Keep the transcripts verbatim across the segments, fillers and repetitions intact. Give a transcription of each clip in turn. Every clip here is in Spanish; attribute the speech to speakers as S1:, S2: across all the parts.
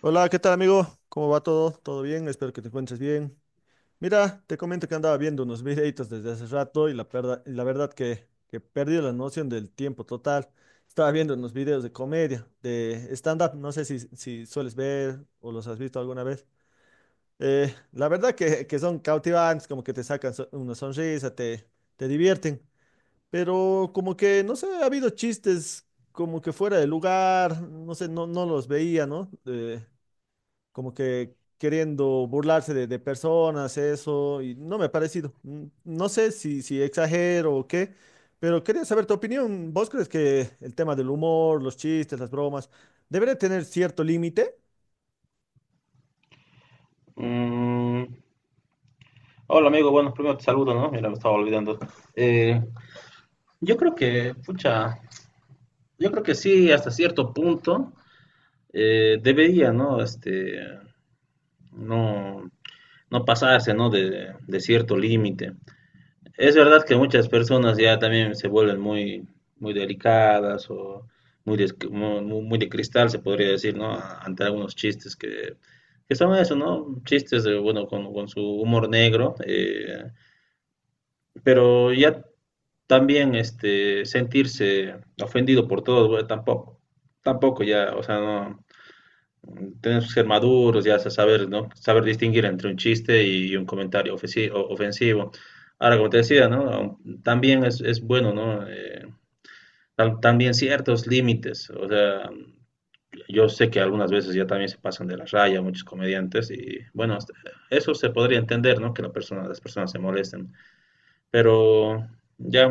S1: Hola, ¿qué tal amigo? ¿Cómo va todo? ¿Todo bien? Espero que te encuentres bien. Mira, te comento que andaba viendo unos videitos desde hace rato y la verdad, la verdad que, que perdí la noción del tiempo total. Estaba viendo unos videos de comedia, de stand-up, no sé si, si sueles ver o los has visto alguna vez. Eh, la verdad que, que son cautivantes, como que te sacan so- una sonrisa, te, te divierten, pero como que, no sé, ha habido chistes como que fuera de lugar, no sé, no, no los veía, ¿no? Eh, como que queriendo burlarse de, de personas, eso, y no me ha parecido. Mm, No sé si, si exagero o qué, pero quería saber tu opinión. ¿Vos crees que el tema del humor, los chistes, las bromas, debería tener cierto límite?
S2: Mm, hola amigo, bueno, primero te saludo, ¿no? Mira, me estaba olvidando. Eh, yo creo que, pucha, yo creo que sí, hasta cierto punto eh, debería, ¿no? Este, no, no pasarse, ¿no? De, de cierto límite. Es verdad que muchas personas ya también se vuelven muy, muy delicadas o muy de, muy, muy de cristal, se podría decir, ¿no? Ante algunos chistes que, que son eso, ¿no? Chistes, de, bueno, con, con su humor negro. eh, Pero ya también este, sentirse ofendido por todo, bueno, tampoco, tampoco ya, o sea, no, tenemos que ser maduros, ya sa- saber, ¿no? Saber distinguir entre un chiste y un comentario ofensi- o- ofensivo. Ahora, como te decía, ¿no? También es, es bueno, ¿no? Eh, tam- también ciertos límites, o sea, yo sé que algunas veces ya también se pasan de la raya muchos comediantes y, bueno, hasta- eso se podría entender, ¿no? Que la persona, las personas se molesten pero ya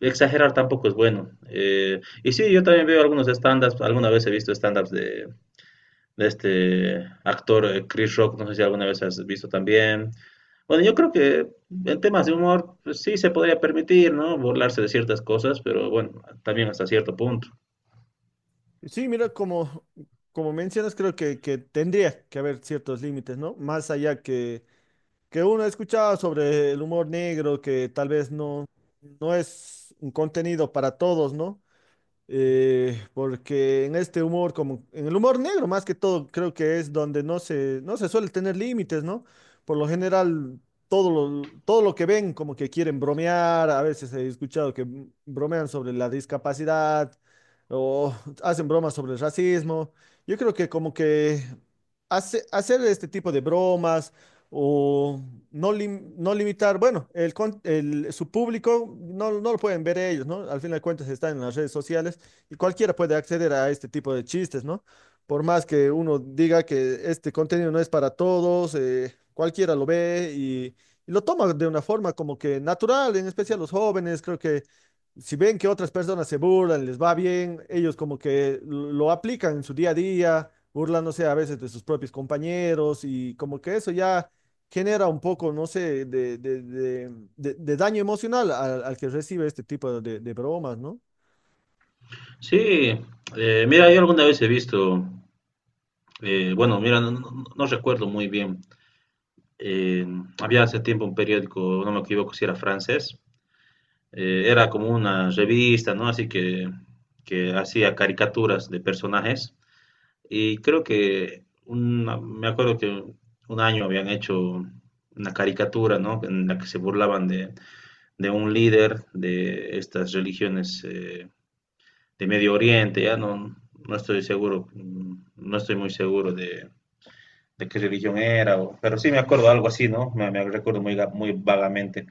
S2: exagerar tampoco es bueno. Eh, y sí, yo también veo algunos stand-ups, alguna vez he visto stand-ups de, de este actor eh, Chris Rock, no sé si alguna vez has visto también. Bueno, yo creo que en temas de humor pues, sí se podría permitir, ¿no? Burlarse de ciertas cosas, pero bueno, también hasta cierto punto.
S1: Sí, mira, como, como mencionas, creo que, que tendría que haber ciertos límites, ¿no? Más allá que, que uno ha escuchado sobre el humor negro, que tal vez no, no es un contenido para todos, ¿no? Eh, porque en este humor, como en el humor negro más que todo, creo que es donde no se, no se suele tener límites, ¿no? Por lo general, todo lo, todo lo que ven, como que quieren bromear, a veces he escuchado que m- bromean sobre la discapacidad o hacen bromas sobre el racismo. Yo creo que como que hace- hacer este tipo de bromas o no, lim- no limitar, bueno, el, con- el- su público no, no lo pueden ver ellos, ¿no? Al fin de cuentas están en las redes sociales y cualquiera puede acceder a este tipo de chistes, ¿no? Por más que uno diga que este contenido no es para todos, eh, cualquiera lo ve y, y lo toma de una forma como que natural, en especial los jóvenes, creo que si ven que otras personas se burlan, les va bien, ellos como que lo aplican en su día a día, burlándose a veces de sus propios compañeros y como que eso ya genera un poco, no sé, de, de, de, de- de daño emocional al, al que recibe este tipo de, de bromas, ¿no?
S2: Sí, eh, mira, yo alguna vez he visto, eh, bueno, mira, no, no- no recuerdo muy bien, eh, había hace tiempo un periódico, no me equivoco si era francés, eh, era como una revista, ¿no? Así que, que hacía caricaturas de personajes. Y creo que una- me acuerdo que un año habían hecho una caricatura, ¿no? En la que se burlaban de, de un líder de estas religiones eh, de Medio Oriente, ya no, no estoy seguro, mm, no estoy muy seguro de, de qué religión era, o- pero sí me acuerdo algo así, ¿no? Me, me recuerdo muy, ga- muy vagamente.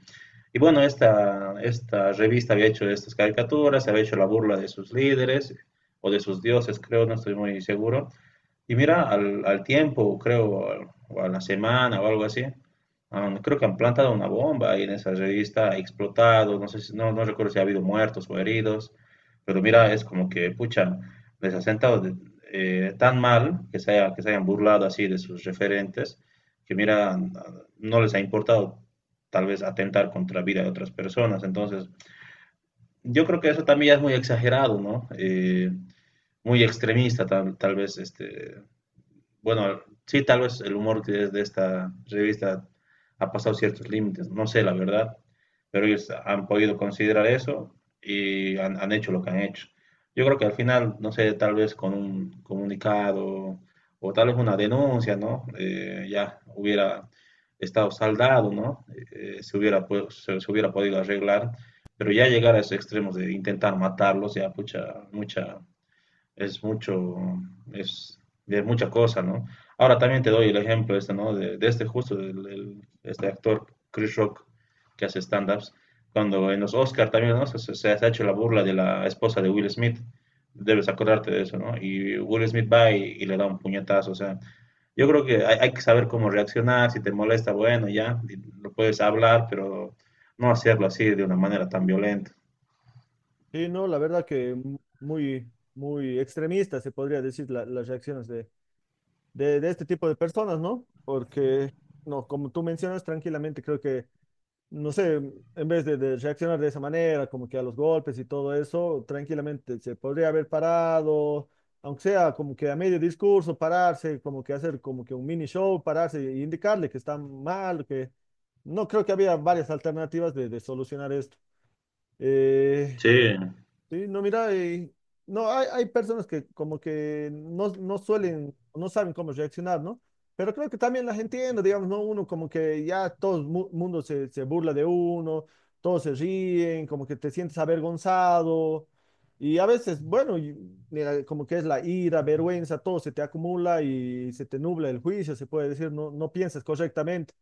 S2: Y bueno, esta, esta revista había hecho estas caricaturas, había hecho la burla de sus líderes o de sus dioses, creo, no estoy muy seguro. Y mira, al, al tiempo, creo, o al- o a la semana o algo así, han- creo que han plantado una bomba ahí en esa revista, ha explotado, no sé si- no, no recuerdo si ha habido muertos o heridos, pero mira, es como que, pucha, les ha sentado de- eh, tan mal que se haya- que se hayan burlado así de sus referentes, que mira, no les ha importado tal vez atentar contra la vida de otras personas. Entonces, yo creo que eso también ya es muy exagerado, ¿no? Eh, muy extremista tal, tal vez este, bueno, sí, tal vez el humor que es de esta revista ha pasado ciertos límites, no sé la verdad, pero ellos han podido considerar eso y han, han hecho lo que han hecho. Yo creo que al final, no sé, tal vez con un comunicado o tal vez una denuncia, ¿no? Eh, ya hubiera estado saldado, ¿no? Eh, se hubiera, pues, se, se hubiera podido arreglar, pero ya llegar a esos extremos de intentar matarlos, ya mucha, mucha, es mucho, es de mucha cosa, ¿no? Ahora también te doy el ejemplo este, ¿no? De, de este justo, del- del- este actor Chris Rock que hace stand-ups, cuando en los Oscar también, ¿no? Se, se- se ha hecho la burla de la esposa de Will Smith, debes acordarte de eso, ¿no? Y Will Smith va y, y le da un puñetazo, o sea, yo creo que hay, hay que saber cómo reaccionar, si te molesta, bueno, ya, y lo puedes hablar, pero no hacerlo así de una manera tan violenta.
S1: Sí, no, la verdad que mu- muy, muy extremista se podría decir la- las reacciones de, de, de este tipo de personas, ¿no? Porque, no, como tú mencionas tranquilamente, creo que, no sé, en vez de, de reaccionar de esa manera, como que a los golpes y todo eso, tranquilamente se podría haber parado, aunque sea como que a medio discurso, pararse, como que hacer como que un mini show, pararse e indicarle que está mal, que no creo que había varias alternativas de, de solucionar esto. Eh,
S2: Sí,
S1: Sí, no, mira, eh, no, hay, hay personas que como que no, no suelen, no saben cómo reaccionar, ¿no? Pero creo que también las entiendo, digamos, ¿no? Uno como que ya todo el mu- mundo se, se burla de uno, todos se ríen, como que te sientes avergonzado. Y a veces, bueno, y- mira, como que es la ira, vergüenza, todo se te acumula y se te nubla el juicio, se puede decir, no, no piensas correctamente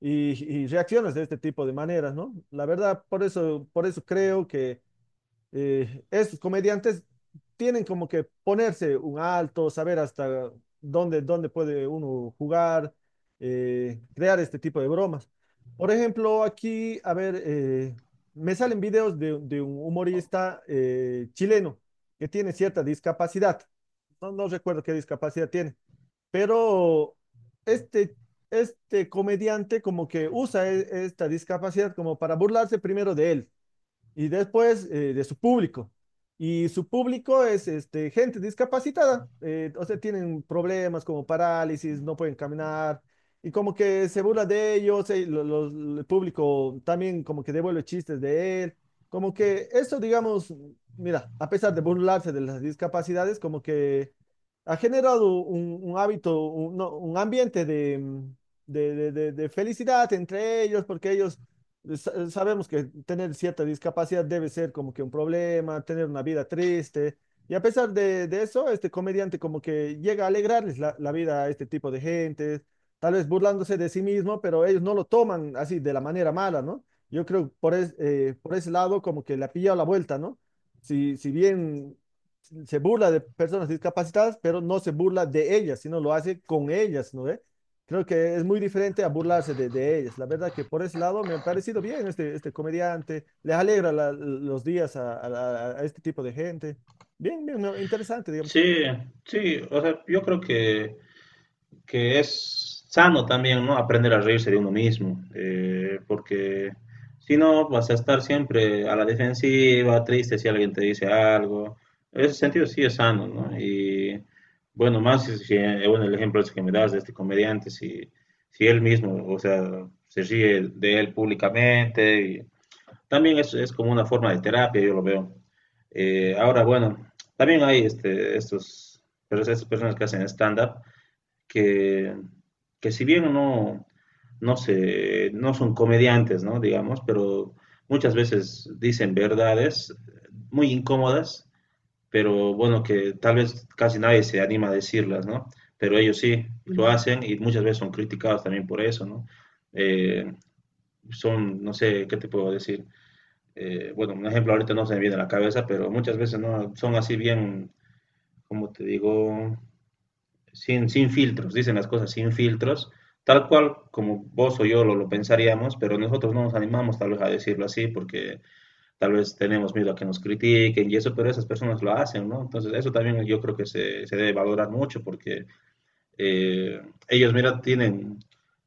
S1: y, y reaccionas de este tipo de maneras, ¿no? La verdad, por eso, por eso creo que eh, estos comediantes tienen como que ponerse un alto, saber hasta dónde, dónde puede uno jugar, eh, crear este tipo de bromas. Por ejemplo, aquí, a ver, eh, me salen videos de, de un humorista eh, chileno que tiene cierta discapacidad. No, no recuerdo qué discapacidad tiene, pero este, este comediante como que usa e- esta discapacidad como para burlarse primero de él y después eh, de su público. Y su público es este, gente discapacitada, eh, o sea, tienen problemas como parálisis, no pueden caminar, y como que se burla de ellos, eh, lo- lo- el público también como que devuelve chistes de él, como que eso, digamos, mira, a pesar de burlarse de las discapacidades, como que ha generado un, un hábito, un, no, un ambiente de, mm, de, de de- de felicidad entre ellos, porque ellos sa- eh, sabemos que tener cierta discapacidad debe ser como que un problema, tener una vida triste. Y a pesar de, de eso, este comediante como que llega a alegrarles la, la vida a este tipo de gente, tal vez burlándose de sí mismo, pero ellos no lo toman así de la manera mala, ¿no? Yo creo por, es- eh, por ese lado como que le ha pillado la vuelta, ¿no? Si, si bien se burla de personas discapacitadas, pero no se burla de ellas, sino lo hace con ellas, ¿no ve? Creo que es muy diferente a burlarse de, de ellas. La verdad que por ese lado me ha parecido bien este, este comediante. Les alegra la- los días a, a- a este tipo de gente. Bien, bien, no, interesante, digamos.
S2: sí, sí, o sea, yo creo que... que es sano también, ¿no? Aprender a reírse de uno mismo, eh, porque si no, vas a estar siempre a la defensiva, triste si alguien te dice algo. En ese sentido sí es sano, ¿no? Y bueno, más si, si- eh, bueno, el ejemplo ese que me das de este comediante, si, si él mismo, o sea, se ríe de él públicamente, y también es, es como una forma de terapia, yo lo veo. Eh, ahora, bueno, también hay este, estos, pero esas personas que hacen stand-up, que, que si bien no, no, se, no son comediantes, ¿no? Digamos, pero muchas veces dicen verdades muy incómodas, pero bueno, que tal vez casi nadie se anima a decirlas, ¿no? Pero ellos sí lo hacen y muchas veces son criticados también por eso, ¿no? Eh, son, no sé, ¿qué te puedo decir? Eh, bueno, un ejemplo ahorita no se me viene a la cabeza, pero muchas veces no son así bien, como te digo, sin, sin filtros, dicen las cosas sin filtros, tal cual como vos o yo lo, lo pensaríamos, pero nosotros no nos animamos tal vez a decirlo así porque tal vez tenemos miedo a que nos critiquen y eso, pero esas personas lo hacen, ¿no? Entonces eso también yo creo que se, se debe valorar mucho porque eh, ellos, mira, tienen,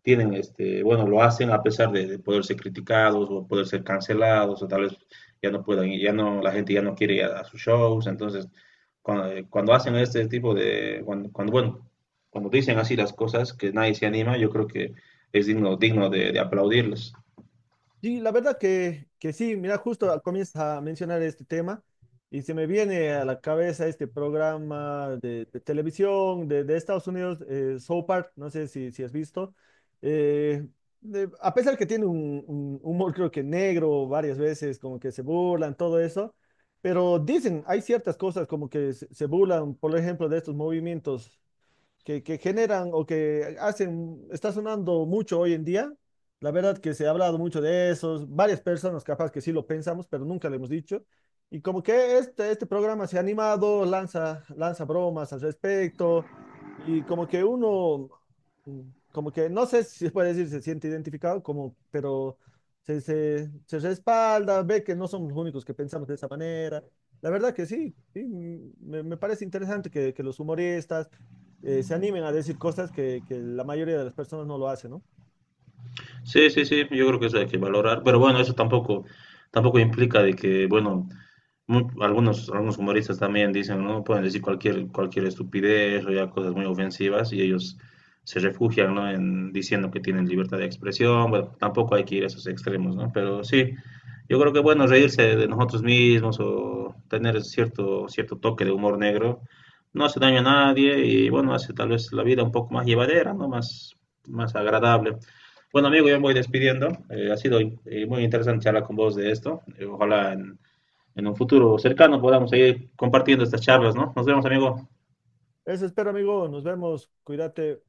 S2: tienen, este, bueno, lo hacen a pesar de, de poder ser criticados o poder ser cancelados o tal vez ya no puedan, ir, ya no, la gente ya no quiere ir a, a sus shows, entonces cuando, eh, cuando, hacen este tipo de, cuando, cuando, bueno, cuando dicen así las cosas que nadie se anima, yo creo que es digno, digno de, de aplaudirles.
S1: Sí, la verdad que, que sí, mira, justo a- comienzas a mencionar este tema y se me viene a la cabeza este programa de, de televisión de, de Estados Unidos, eh, South Park, no sé si, si has visto. Eh, de- a pesar que tiene un, un humor creo que negro varias veces, como que se burlan, todo eso, pero dicen, hay ciertas cosas como que se, se burlan, por ejemplo, de estos movimientos que, que generan o que hacen, está sonando mucho hoy en día. La verdad que se ha hablado mucho de eso, varias personas capaz que sí lo pensamos, pero nunca lo hemos dicho. Y como que este, este programa se ha animado, lanza, lanza bromas al respecto, y como que uno, mm, como que no sé si se puede decir, se siente identificado, como, pero se, se, se respalda, ve que no somos los únicos que pensamos de esa manera. La verdad que sí, sí, mm, me, me parece interesante que, que los humoristas eh, se animen a decir cosas que, que la mayoría de las personas no lo hacen, ¿no?
S2: Sí, sí, sí, yo creo que eso hay que valorar, pero bueno, eso tampoco, tampoco implica de que, bueno, Mu- algunos, algunos humoristas también dicen, ¿no? Pueden decir cualquier, cualquier estupidez o ya cosas muy ofensivas y ellos se refugian, ¿no? En diciendo que tienen libertad de expresión. Bueno, tampoco hay que ir a esos extremos, ¿no? Pero sí, yo creo que bueno, reírse de nosotros mismos o tener cierto, cierto toque de humor negro no hace daño a nadie y bueno, hace tal vez la vida un poco más llevadera, ¿no? Más, más agradable. Bueno, amigo, yo me voy despidiendo. Eh, ha sido eh, muy interesante charlar con vos de esto. Eh, ojalá en en un futuro cercano podamos seguir compartiendo estas charlas, ¿no? Nos vemos, amigo.
S1: Eso espero, amigo. Nos vemos. Cuídate.